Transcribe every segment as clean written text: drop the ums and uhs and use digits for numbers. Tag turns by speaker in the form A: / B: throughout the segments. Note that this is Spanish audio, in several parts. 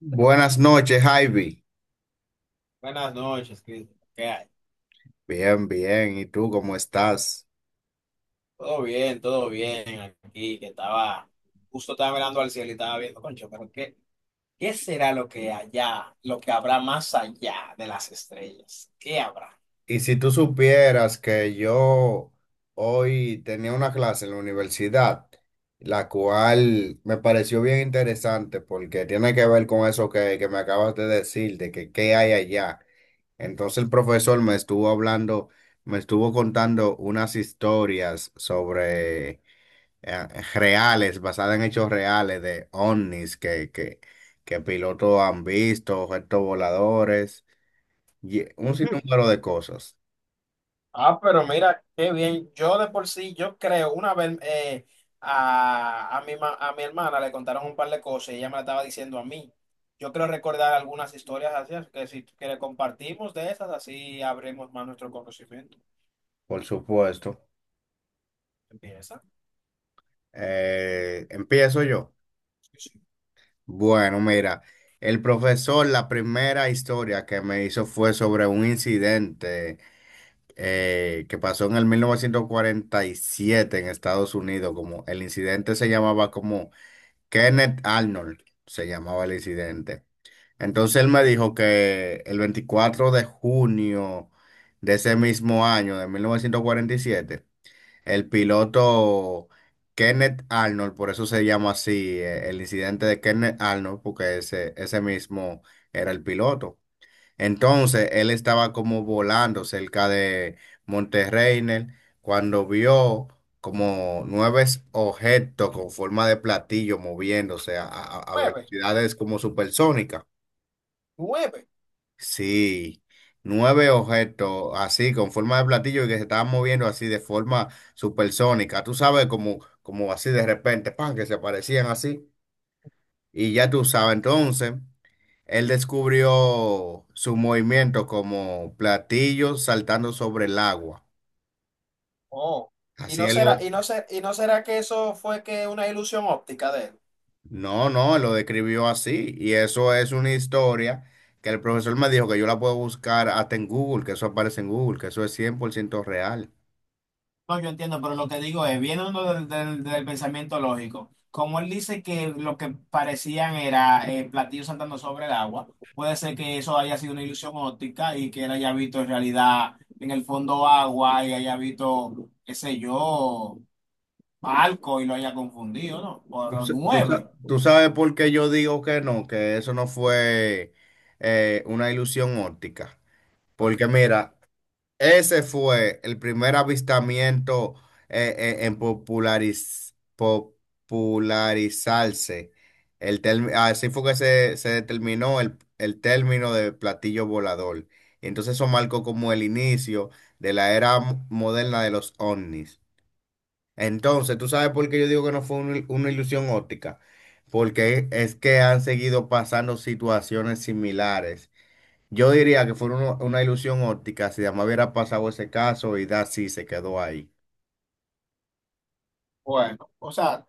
A: Buenas noches, Ivy.
B: Buenas noches, Cristo. ¿Qué hay?
A: Bien, bien. ¿Y tú cómo estás?
B: Todo bien aquí, que estaba, justo estaba mirando al cielo y estaba viendo, concho, pero ¿qué será lo que allá, lo que habrá más allá de las estrellas? ¿Qué habrá?
A: Y si tú supieras que yo hoy tenía una clase en la universidad, la cual me pareció bien interesante porque tiene que ver con eso que me acabas de decir, de que qué hay allá. Entonces el profesor me estuvo hablando, me estuvo contando unas historias sobre eh, reales, basada en hechos reales de ovnis que pilotos han visto, objetos voladores, y un
B: Ujú.
A: sinnúmero de cosas,
B: Ah, pero mira, qué bien. Yo de por sí, yo creo, una vez a mi hermana le contaron un par de cosas y ella me la estaba diciendo a mí. Yo creo recordar algunas historias así, así que si que le compartimos de esas, así abrimos más nuestro conocimiento.
A: por supuesto.
B: Empieza.
A: Empiezo yo.
B: Sí, sí.
A: Bueno, mira, el profesor, la primera historia que me hizo fue sobre un incidente que pasó en el 1947 en Estados Unidos, como el incidente se llamaba como Kenneth Arnold se llamaba el incidente. Entonces él me dijo que el 24 de junio de ese mismo año, de 1947, el piloto Kenneth Arnold, por eso se llama así, el incidente de Kenneth Arnold, porque ese mismo era el piloto. Entonces él estaba como volando cerca de Monterreynel cuando vio como nueve objetos con forma de platillo moviéndose a
B: Nueve,
A: velocidades como supersónicas.
B: nueve.
A: Sí, nueve objetos así con forma de platillo y que se estaban moviendo así de forma supersónica. Tú sabes como, como así de repente, pan, que se aparecían así. Y ya tú sabes entonces. Él descubrió su movimiento como platillos saltando sobre el agua.
B: Oh. Y
A: Así
B: no
A: él lo.
B: será, y no ser, y no será que eso fue que una ilusión óptica de él.
A: No, no, él lo describió así. Y eso es una historia que el profesor me dijo que yo la puedo buscar hasta en Google, que eso aparece en Google, que eso es 100% real.
B: No, yo entiendo, pero lo que digo es, viene uno del pensamiento lógico. Como él dice que lo que parecían era platillos saltando sobre el agua, puede ser que eso haya sido una ilusión óptica y que él haya visto en realidad en el fondo agua y haya visto, qué sé yo, barco y lo haya confundido, ¿no?
A: ¿Tú,
B: Por
A: sa- tú
B: nueve.
A: sa- tú sabes por qué yo digo que no, que eso no fue una ilusión óptica?
B: Ok.
A: Porque mira, ese fue el primer avistamiento en popularizarse. Así fue que se determinó el término de platillo volador. Y entonces eso marcó como el inicio de la era moderna de los ovnis. Entonces, ¿tú sabes por qué yo digo que no fue una ilusión óptica? Porque es que han seguido pasando situaciones similares, yo diría que fue una ilusión óptica si además hubiera pasado ese caso y da sí se quedó ahí.
B: Bueno, o sea.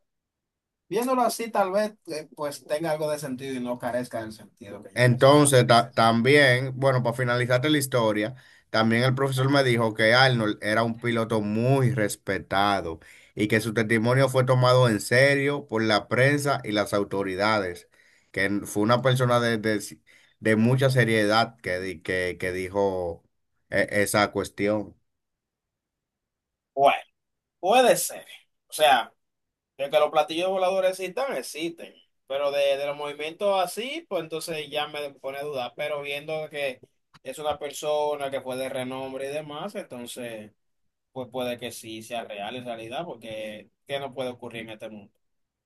B: Viéndolo así, tal vez pues tenga algo de sentido y no carezca del sentido que yo pensaba que
A: Entonces,
B: carecía.
A: también, bueno, para finalizarte la historia, también el profesor me dijo que Arnold era un piloto muy respetado y que su testimonio fue tomado en serio por la prensa y las autoridades, que fue una persona de mucha seriedad que dijo esa cuestión.
B: Bueno, puede ser. O sea, de que los platillos voladores existan, existen. Pero de los movimientos así, pues entonces ya me pone a dudar. Pero viendo que es una persona que fue de renombre y demás, entonces pues puede que sí sea real en realidad, porque ¿qué no puede ocurrir en este mundo?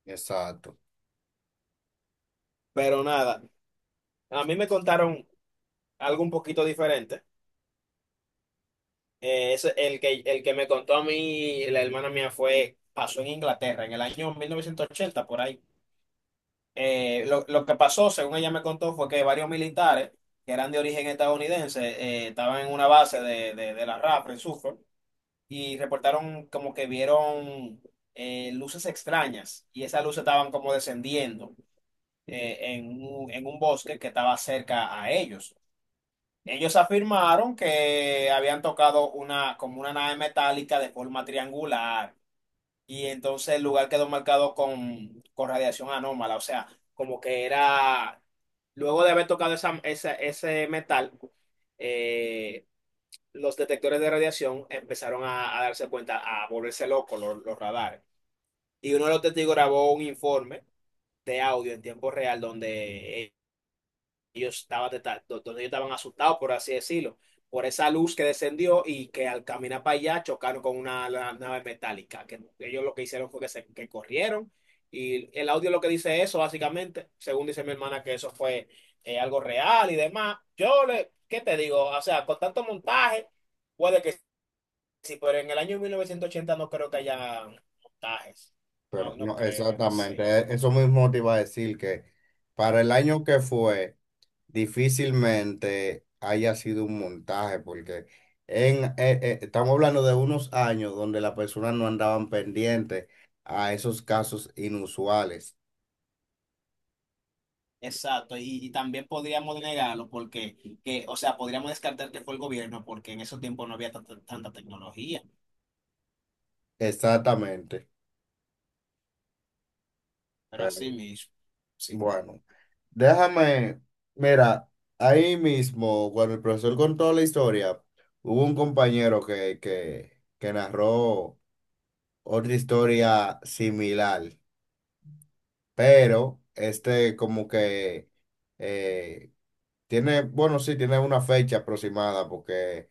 A: Exacto.
B: Pero nada, a mí me contaron algo un poquito diferente. El que me contó a mí, la hermana mía, fue, pasó en Inglaterra en el año 1980, por ahí. Lo que pasó, según ella me contó, fue que varios militares que eran de origen estadounidense estaban en una base de la RAF en Suffolk y reportaron como que vieron luces extrañas y esas luces estaban como descendiendo en un bosque que estaba cerca a ellos. Ellos afirmaron que habían tocado una, como una nave metálica de forma triangular y entonces el lugar quedó marcado con radiación anómala, o sea, como que era, luego de haber tocado ese metal, eh, los detectores de radiación empezaron a darse cuenta, a volverse locos los radares. Y uno de los testigos grabó un informe de audio en tiempo real donde ellos estaban, deta- do- donde ellos estaban asustados, por así decirlo, por esa luz que descendió y que al caminar para allá chocaron con una nave metálica, que ellos lo que hicieron fue que corrieron y el audio lo que dice eso, básicamente, según dice mi hermana, que eso fue algo real y demás. Yo le, ¿qué te digo? O sea, con tanto montaje, puede que sí, pero en el año 1980 no creo que haya montajes,
A: Pero
B: no, no
A: no,
B: creo, qué sé yo.
A: exactamente, eso mismo te iba a decir que para el año que fue, difícilmente haya sido un montaje, porque estamos hablando de unos años donde las personas no andaban pendientes a esos casos inusuales.
B: Exacto, y también podríamos negarlo porque, que, o sea, podríamos descartar que fue el gobierno porque en esos tiempos no había tanta tecnología,
A: Exactamente,
B: pero así
A: pero
B: mismo, sí.
A: bueno, déjame, mira, ahí mismo, cuando el profesor contó la historia, hubo un compañero que narró otra historia similar, pero este como que eh, tiene, bueno, sí, tiene una fecha aproximada porque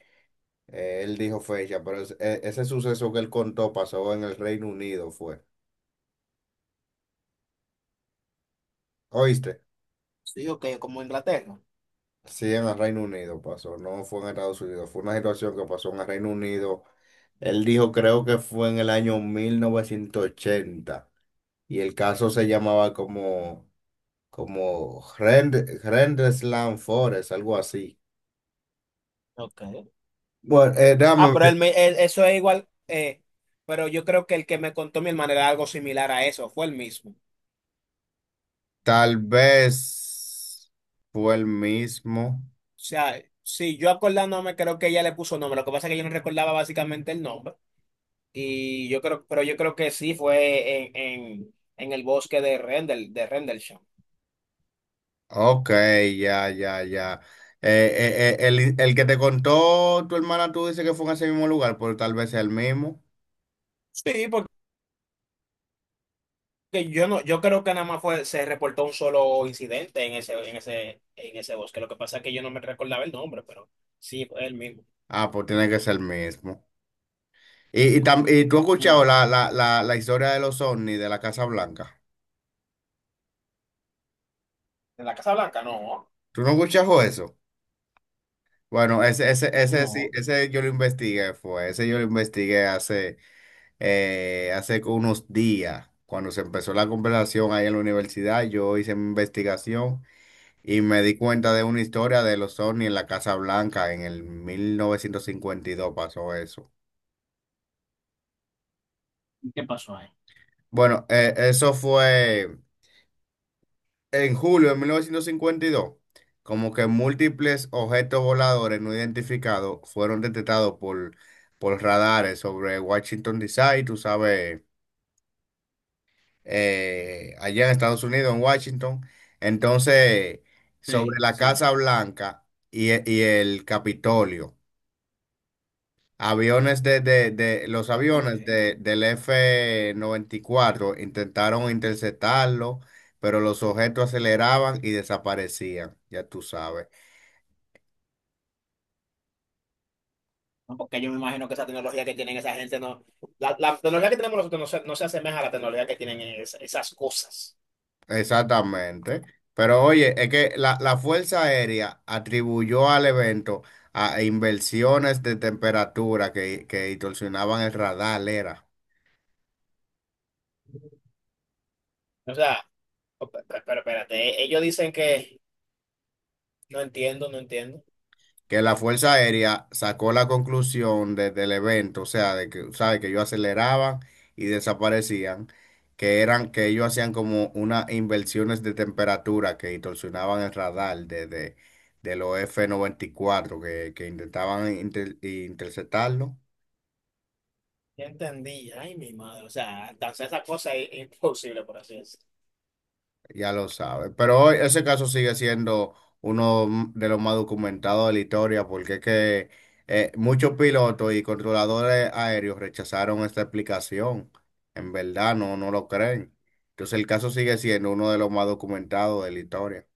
A: él dijo fecha, pero ese suceso que él contó pasó en el Reino Unido, fue. ¿Oíste?
B: Sí, ok, como Inglaterra.
A: Sí, en el Reino Unido pasó, no fue en Estados Unidos, fue una situación que pasó en el Reino Unido. Él dijo, creo que fue en el año 1980 y el caso se llamaba como Grand Slam Forest, algo así.
B: Ok.
A: Bueno, dame,
B: Ah, pero
A: ver,
B: eso es igual, pero yo creo que el que me contó mi hermana era algo similar a eso, fue el mismo.
A: tal vez fue el mismo.
B: O sea, sí, yo acordándome creo que ella le puso nombre, lo que pasa es que yo no recordaba básicamente el nombre, y yo creo, pero yo creo que sí fue en el bosque de Rendel, de Rendlesham.
A: Ok, ya, ya, ya. Eh, el que te contó tu hermana, tú dices que fue en ese mismo lugar, pero tal vez sea el mismo.
B: Sí, porque que yo no, yo creo que nada más fue, se reportó un solo incidente en en ese bosque. Lo que pasa es que yo no me recordaba el nombre, pero sí, fue el mismo.
A: Ah, pues tiene que ser el mismo. Y tú has escuchado
B: Ujú.
A: la historia de los ovnis de la Casa Blanca.
B: ¿En la Casa Blanca? No,
A: ¿Tú no escuchas eso? Bueno, ese sí,
B: no.
A: ese yo lo investigué, fue, ese yo lo investigué hace, hace unos días, cuando se empezó la conversación ahí en la universidad, yo hice mi investigación y me di cuenta de una historia de los ovnis en la Casa Blanca en el 1952. Pasó eso.
B: ¿Y qué pasó ahí?
A: Bueno, eso fue en julio de 1952, como que múltiples objetos voladores no identificados fueron detectados por radares sobre Washington, D. C., tú sabes, allá en Estados Unidos, en Washington. Entonces, sobre
B: Sí,
A: la
B: sí.
A: Casa Blanca y el Capitolio, aviones los
B: Ok.
A: aviones del F-94 intentaron interceptarlo, pero los objetos aceleraban y desaparecían, ya tú sabes.
B: No, porque yo me imagino que esa tecnología que tienen esa gente no, la tecnología que tenemos nosotros no se, no se asemeja a la tecnología que tienen esas cosas.
A: Exactamente. Pero oye, es que la Fuerza Aérea atribuyó al evento a inversiones de temperatura que distorsionaban el radar, era.
B: O sea, pero espérate, ellos dicen que no entiendo, no entiendo.
A: Que la Fuerza Aérea sacó la conclusión del evento, o sea, de que, ¿sabe? Que ellos aceleraban y desaparecían, que eran, que ellos hacían como unas inversiones de temperatura que distorsionaban el radar de los F-94 que intentaban interceptarlo.
B: Ya entendí. Ay, mi madre. O sea, entonces esa cosa es imposible, por así decirlo.
A: Ya lo sabe. Pero hoy ese caso sigue siendo uno de los más documentados de la historia, porque es que muchos pilotos y controladores aéreos rechazaron esta explicación. En verdad, no, no lo creen. Entonces el caso sigue siendo uno de los más documentados de la historia.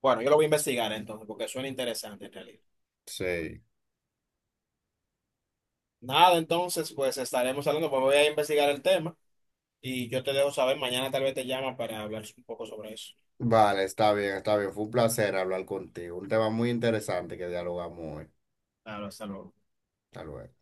B: Bueno, yo lo voy a investigar entonces, porque suena interesante en realidad.
A: Sí.
B: Nada, entonces, pues estaremos hablando, pues voy a investigar el tema y yo te dejo saber. Mañana tal vez te llama para hablar un poco sobre eso.
A: Vale, está bien, está bien. Fue un placer hablar contigo. Un tema muy interesante que dialogamos hoy.
B: Claro, hasta luego.
A: Hasta luego.